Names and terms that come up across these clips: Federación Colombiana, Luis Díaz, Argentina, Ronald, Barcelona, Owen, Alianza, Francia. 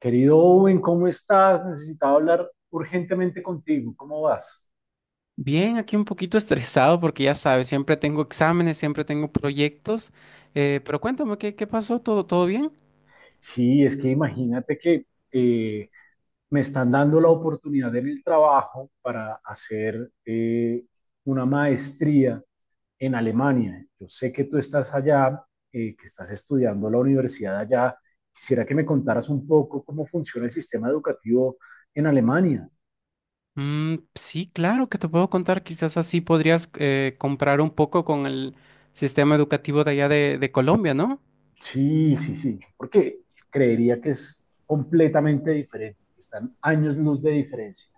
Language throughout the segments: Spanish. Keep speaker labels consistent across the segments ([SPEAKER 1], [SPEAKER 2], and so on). [SPEAKER 1] Querido Owen, ¿cómo estás? Necesitaba hablar urgentemente contigo. ¿Cómo vas?
[SPEAKER 2] Bien, aquí un poquito estresado porque ya sabes, siempre tengo exámenes, siempre tengo proyectos, pero cuéntame, ¿qué pasó? ¿Todo bien?
[SPEAKER 1] Sí, es que imagínate que eh, me están dando la oportunidad en el trabajo para hacer una maestría en Alemania. Yo sé que tú estás allá, que estás estudiando la universidad allá. Quisiera que me contaras un poco cómo funciona el sistema educativo en Alemania.
[SPEAKER 2] Mm, sí, claro que te puedo contar, quizás así podrías comprar un poco con el sistema educativo de allá de Colombia, ¿no?
[SPEAKER 1] Sí, sí, sí, porque creería que es completamente diferente, están años luz de diferencia.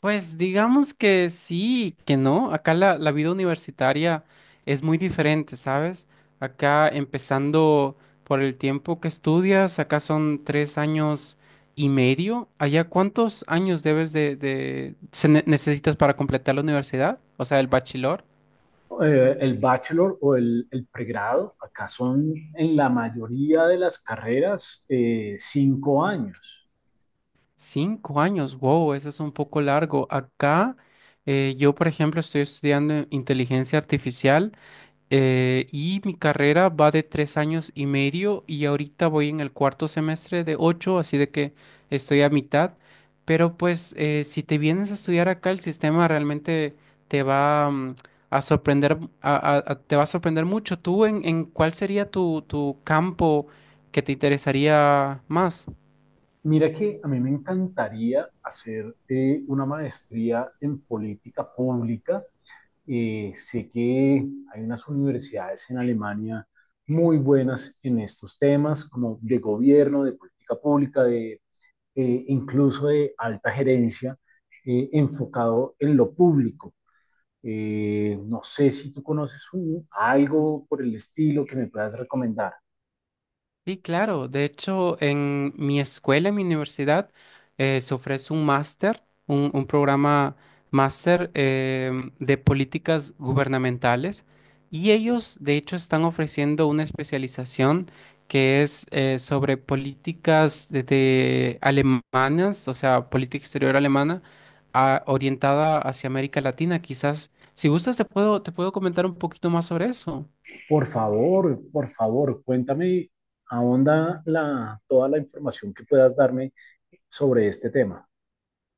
[SPEAKER 2] Pues digamos que sí, que no. Acá la vida universitaria es muy diferente, ¿sabes? Acá empezando por el tiempo que estudias, acá son 3 años y medio. Allá, ¿cuántos años debes necesitas para completar la universidad? O sea, el bachelor.
[SPEAKER 1] El bachelor o el pregrado, acá son en la mayoría de las carreras 5 años.
[SPEAKER 2] 5 años, wow, eso es un poco largo. Acá, yo, por ejemplo, estoy estudiando inteligencia artificial. Y mi carrera va de 3 años y medio y ahorita voy en el cuarto semestre de ocho, así de que estoy a mitad. Pero pues si te vienes a estudiar acá, el sistema realmente te va a sorprender, te va a sorprender mucho. ¿Tú en cuál sería tu campo que te interesaría más?
[SPEAKER 1] Mira que a mí me encantaría hacer una maestría en política pública. Sé que hay unas universidades en Alemania muy buenas en estos temas, como de gobierno, de política pública, de incluso de alta gerencia, enfocado en lo público. No sé si tú conoces un- algo por el estilo que me puedas recomendar.
[SPEAKER 2] Sí, claro. De hecho, en mi escuela, en mi universidad, se ofrece un máster, un programa máster, de políticas gubernamentales, y ellos, de hecho, están ofreciendo una especialización que es, sobre políticas de alemanas, o sea, política exterior alemana orientada hacia América Latina. Quizás, si gustas, te puedo comentar un poquito más sobre eso.
[SPEAKER 1] Por favor, cuéntame, ahonda la, toda la información que puedas darme sobre este tema.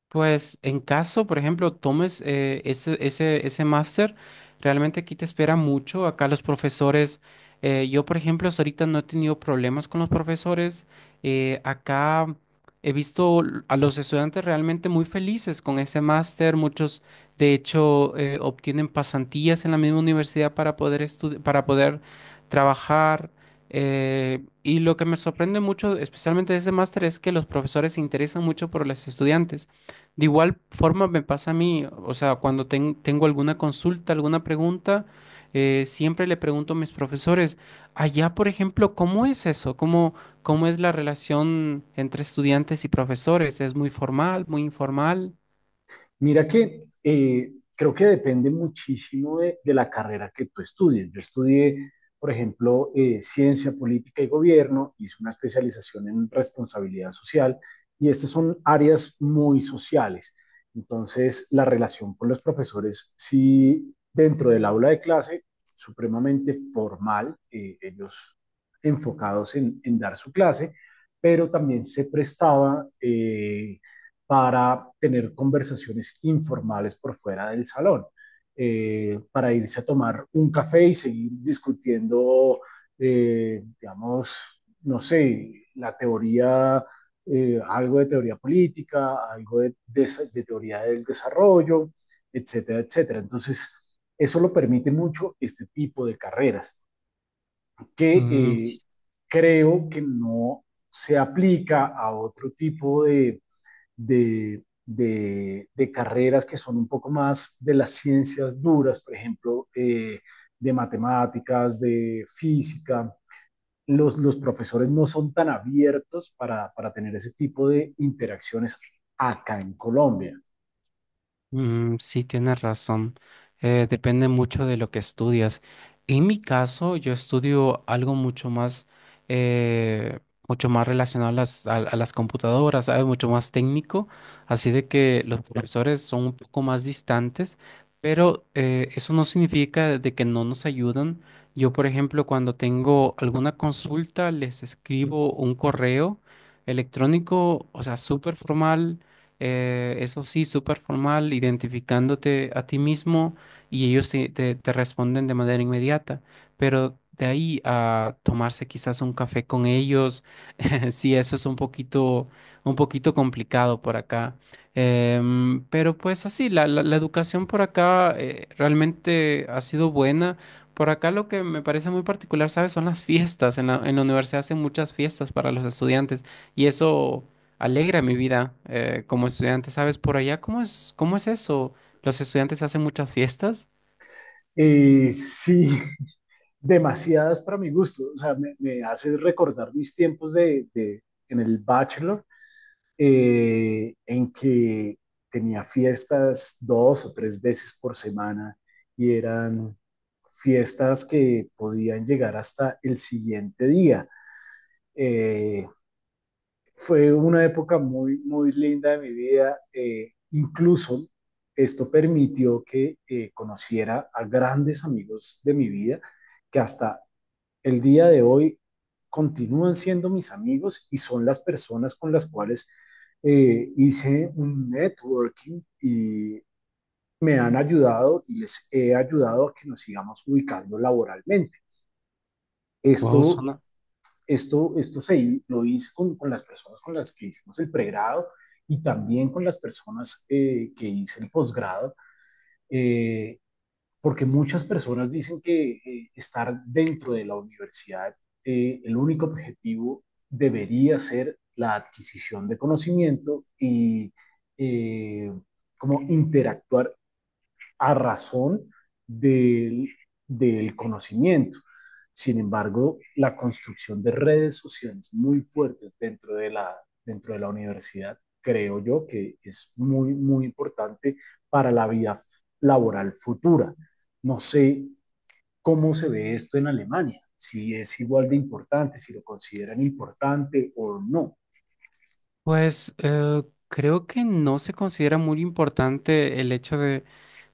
[SPEAKER 2] Pues en caso, por ejemplo, tomes ese máster, realmente aquí te espera mucho. Acá los profesores, yo por ejemplo, hasta ahorita no he tenido problemas con los profesores. Acá he visto a los estudiantes realmente muy felices con ese máster. Muchos, de hecho, obtienen pasantías en la misma universidad para poder trabajar. Y lo que me sorprende mucho, especialmente de ese máster, es que los profesores se interesan mucho por los estudiantes. De igual forma me pasa a mí, o sea, cuando tengo alguna consulta, alguna pregunta, siempre le pregunto a mis profesores. Allá, por ejemplo, ¿cómo es eso? ¿Cómo es la relación entre estudiantes y profesores? ¿Es muy formal, muy informal?
[SPEAKER 1] Mira que creo que depende muchísimo de la carrera que tú estudies. Yo estudié, por ejemplo, ciencia política y gobierno, hice una especialización en responsabilidad social y estas son áreas muy sociales. Entonces, la relación con los profesores, sí, dentro del aula de clase, supremamente formal, ellos enfocados en, dar su clase, pero también se prestaba para tener conversaciones informales por fuera del salón, para irse a tomar un café y seguir discutiendo, digamos, no sé, la teoría, algo de teoría política, algo de teoría del desarrollo, etcétera, etcétera. Entonces, eso lo permite mucho este tipo de carreras, que creo que no se aplica a otro tipo de de carreras que son un poco más de las ciencias duras, por ejemplo, de matemáticas, de física. Los profesores no son tan abiertos para tener ese tipo de interacciones acá en Colombia.
[SPEAKER 2] Mm, sí, tienes razón. Depende mucho de lo que estudias. En mi caso, yo estudio algo mucho más, eh, mucho más relacionado a las computadoras, ¿sabes? Mucho más técnico. Así de que los profesores son un poco más distantes, pero eso no significa de que no nos ayudan. Yo, por ejemplo, cuando tengo alguna consulta, les escribo un correo electrónico, o sea, súper formal, eso sí, súper formal, identificándote a ti mismo, y ellos te responden de manera inmediata. Pero de ahí a tomarse quizás un café con ellos, sí, eso es un poquito complicado por acá. Pero pues así, la educación por acá, realmente ha sido buena. Por acá lo que me parece muy particular, ¿sabes? Son las fiestas. En la universidad hacen muchas fiestas para los estudiantes y eso alegra mi vida, como estudiante, ¿sabes? Por allá, ¿cómo es, eso? ¿Los estudiantes hacen muchas fiestas?
[SPEAKER 1] Sí, demasiadas para mi gusto. O sea, me hace recordar mis tiempos de, en el bachelor, en que tenía fiestas 2 o 3 veces por semana y eran fiestas que podían llegar hasta el siguiente día. Eh, Fue una época muy, muy linda de mi vida. Incluso esto permitió que conociera a grandes amigos de mi vida que hasta el día de hoy continúan siendo mis amigos y son las personas con las cuales hice un networking y me han ayudado y les he ayudado a que nos sigamos ubicando laboralmente.
[SPEAKER 2] Wow,
[SPEAKER 1] Esto,
[SPEAKER 2] suena.
[SPEAKER 1] esto se, lo hice con las personas con las que hicimos el pregrado y también con las personas que hice el posgrado. Eh, Porque muchas personas dicen que estar dentro de la universidad, el único objetivo debería ser la adquisición de conocimiento y eh, como interactuar a razón del, del conocimiento. Sin embargo, la construcción de redes sociales muy fuertes dentro de la universidad, creo yo que es muy, muy importante para la vida laboral futura. No sé cómo se ve esto en Alemania, si es igual de importante, si lo consideran importante o no.
[SPEAKER 2] Pues creo que no se considera muy importante el hecho de,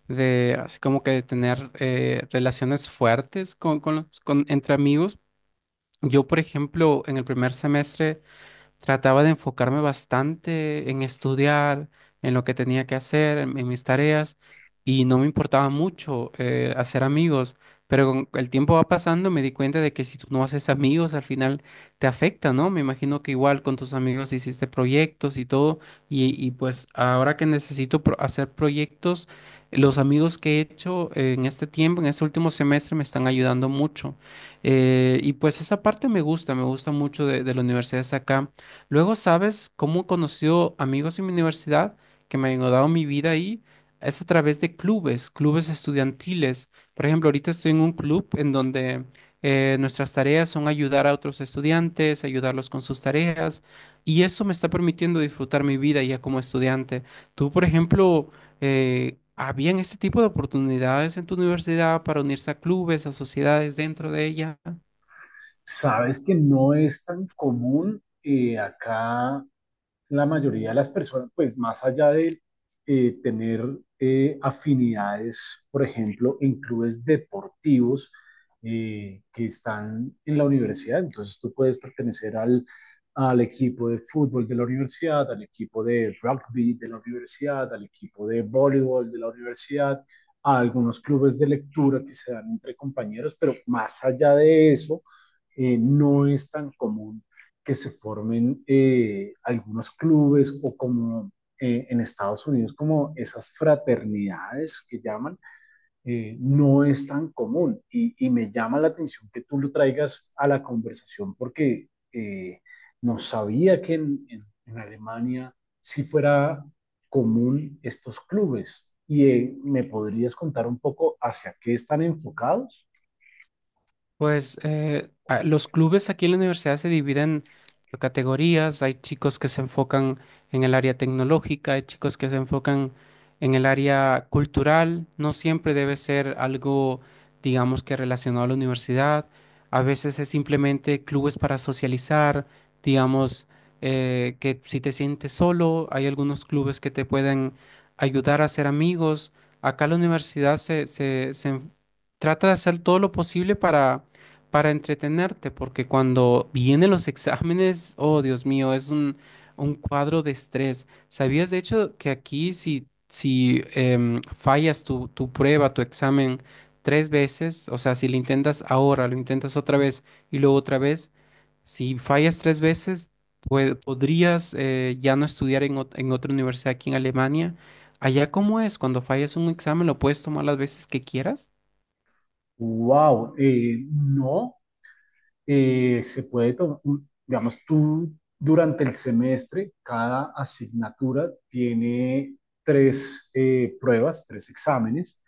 [SPEAKER 2] así como que de tener, relaciones fuertes entre amigos. Yo, por ejemplo, en el primer semestre trataba de enfocarme bastante en estudiar, en lo que tenía que hacer, en mis tareas, y no me importaba mucho hacer amigos. Pero con el tiempo va pasando, me di cuenta de que si tú no haces amigos, al final te afecta, ¿no? Me imagino que igual con tus amigos hiciste proyectos y todo, y pues ahora que necesito hacer proyectos, los amigos que he hecho, en este tiempo, en este último semestre, me están ayudando mucho. Y pues esa parte me gusta mucho de la universidad de acá. Luego, ¿sabes cómo he conocido amigos en mi universidad que me han dado mi vida ahí? Es a través de clubes, clubes estudiantiles. Por ejemplo, ahorita estoy en un club en donde, nuestras tareas son ayudar a otros estudiantes, ayudarlos con sus tareas, y eso me está permitiendo disfrutar mi vida ya como estudiante. Tú, por ejemplo, ¿habían este tipo de oportunidades en tu universidad para unirse a clubes, a sociedades dentro de ella?
[SPEAKER 1] Sabes que no es tan común acá la mayoría de las personas, pues más allá de tener afinidades, por ejemplo, en clubes deportivos que están en la universidad, entonces tú puedes pertenecer al, al equipo de fútbol de la universidad, al equipo de rugby de la universidad, al equipo de voleibol de la universidad, a algunos clubes de lectura que se dan entre compañeros, pero más allá de eso, no es tan común que se formen algunos clubes o como en Estados Unidos, como esas fraternidades que llaman, no es tan común. Y, me llama la atención que tú lo traigas a la conversación porque no sabía que en Alemania si fuera común estos clubes. ¿Y me podrías contar un poco hacia qué están enfocados?
[SPEAKER 2] Pues los clubes aquí en la universidad se dividen por categorías. Hay chicos que se enfocan en el área tecnológica, hay chicos que se enfocan en el área cultural. No siempre debe ser algo, digamos, que relacionado a la universidad. A veces es simplemente clubes para socializar. Digamos, que si te sientes solo, hay algunos clubes que te pueden ayudar a ser amigos. Acá la universidad se trata de hacer todo lo posible para entretenerte, porque cuando vienen los exámenes, oh Dios mío, es un cuadro de estrés. ¿Sabías de hecho que aquí si fallas tu prueba, tu examen 3 veces, o sea, si lo intentas ahora, lo intentas otra vez y luego otra vez, si fallas 3 veces, podrías, ya no estudiar en otra universidad aquí en Alemania? ¿Allá cómo es? Cuando fallas un examen, ¿lo puedes tomar las veces que quieras?
[SPEAKER 1] ¡Wow! No, se puede tomar, digamos, tú durante el semestre, cada asignatura tiene tres pruebas, tres exámenes.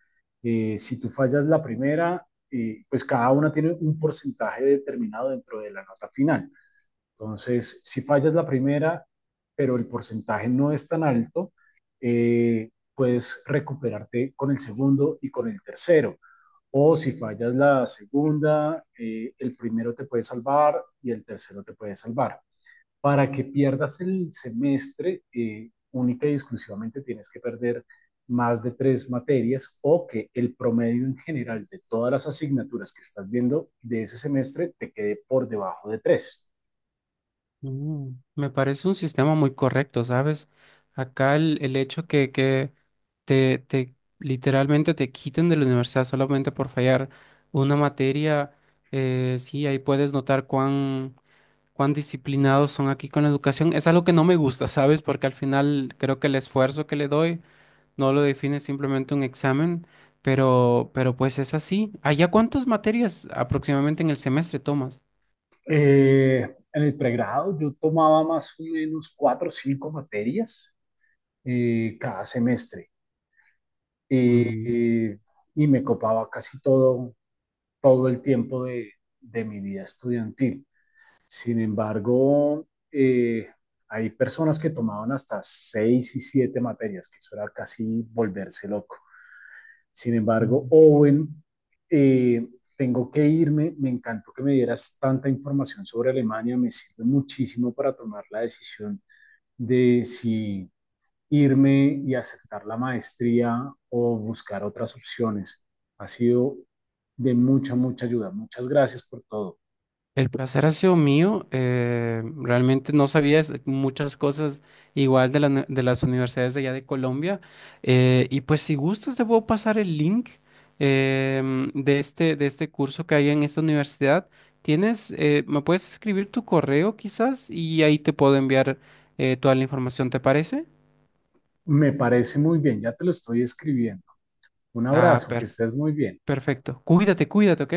[SPEAKER 1] Si tú fallas la primera, pues cada una tiene un porcentaje determinado dentro de la nota final. Entonces, si fallas la primera, pero el porcentaje no es tan alto, puedes recuperarte con el segundo y con el tercero. O si fallas la segunda, el primero te puede salvar y el tercero te puede salvar. Para que pierdas el semestre, única y exclusivamente tienes que perder más de tres materias o que el promedio en general de todas las asignaturas que estás viendo de ese semestre te quede por debajo de tres.
[SPEAKER 2] Mm, me parece un sistema muy correcto, ¿sabes? Acá el hecho que, te, literalmente te quiten de la universidad solamente por fallar una materia, sí, ahí puedes notar cuán disciplinados son aquí con la educación. Es algo que no me gusta, ¿sabes? Porque al final creo que el esfuerzo que le doy no lo define simplemente un examen, pero pues es así. ¿Allá cuántas materias aproximadamente en el semestre tomas?
[SPEAKER 1] En el pregrado yo tomaba más o menos 4 o 5 materias cada semestre eh,
[SPEAKER 2] Mm.
[SPEAKER 1] eh, y me copaba casi todo todo el tiempo de mi vida estudiantil. Sin embargo, hay personas que tomaban hasta 6 y 7 materias, que eso era casi volverse loco. Sin embargo, Owen, eh, tengo que irme, me encantó que me dieras tanta información sobre Alemania, me sirve muchísimo para tomar la decisión de si irme y aceptar la maestría o buscar otras opciones. Ha sido de mucha, mucha ayuda. Muchas gracias por todo.
[SPEAKER 2] El placer ha sido mío. Realmente no sabía muchas cosas igual de las universidades de allá de Colombia. Y pues si gustas, te puedo pasar el link, de este curso que hay en esta universidad. Me puedes escribir tu correo quizás y ahí te puedo enviar, toda la información, ¿te parece?
[SPEAKER 1] Me parece muy bien, ya te lo estoy escribiendo. Un
[SPEAKER 2] Ah,
[SPEAKER 1] abrazo, que estés muy bien.
[SPEAKER 2] perfecto. Cuídate, cuídate, ¿ok?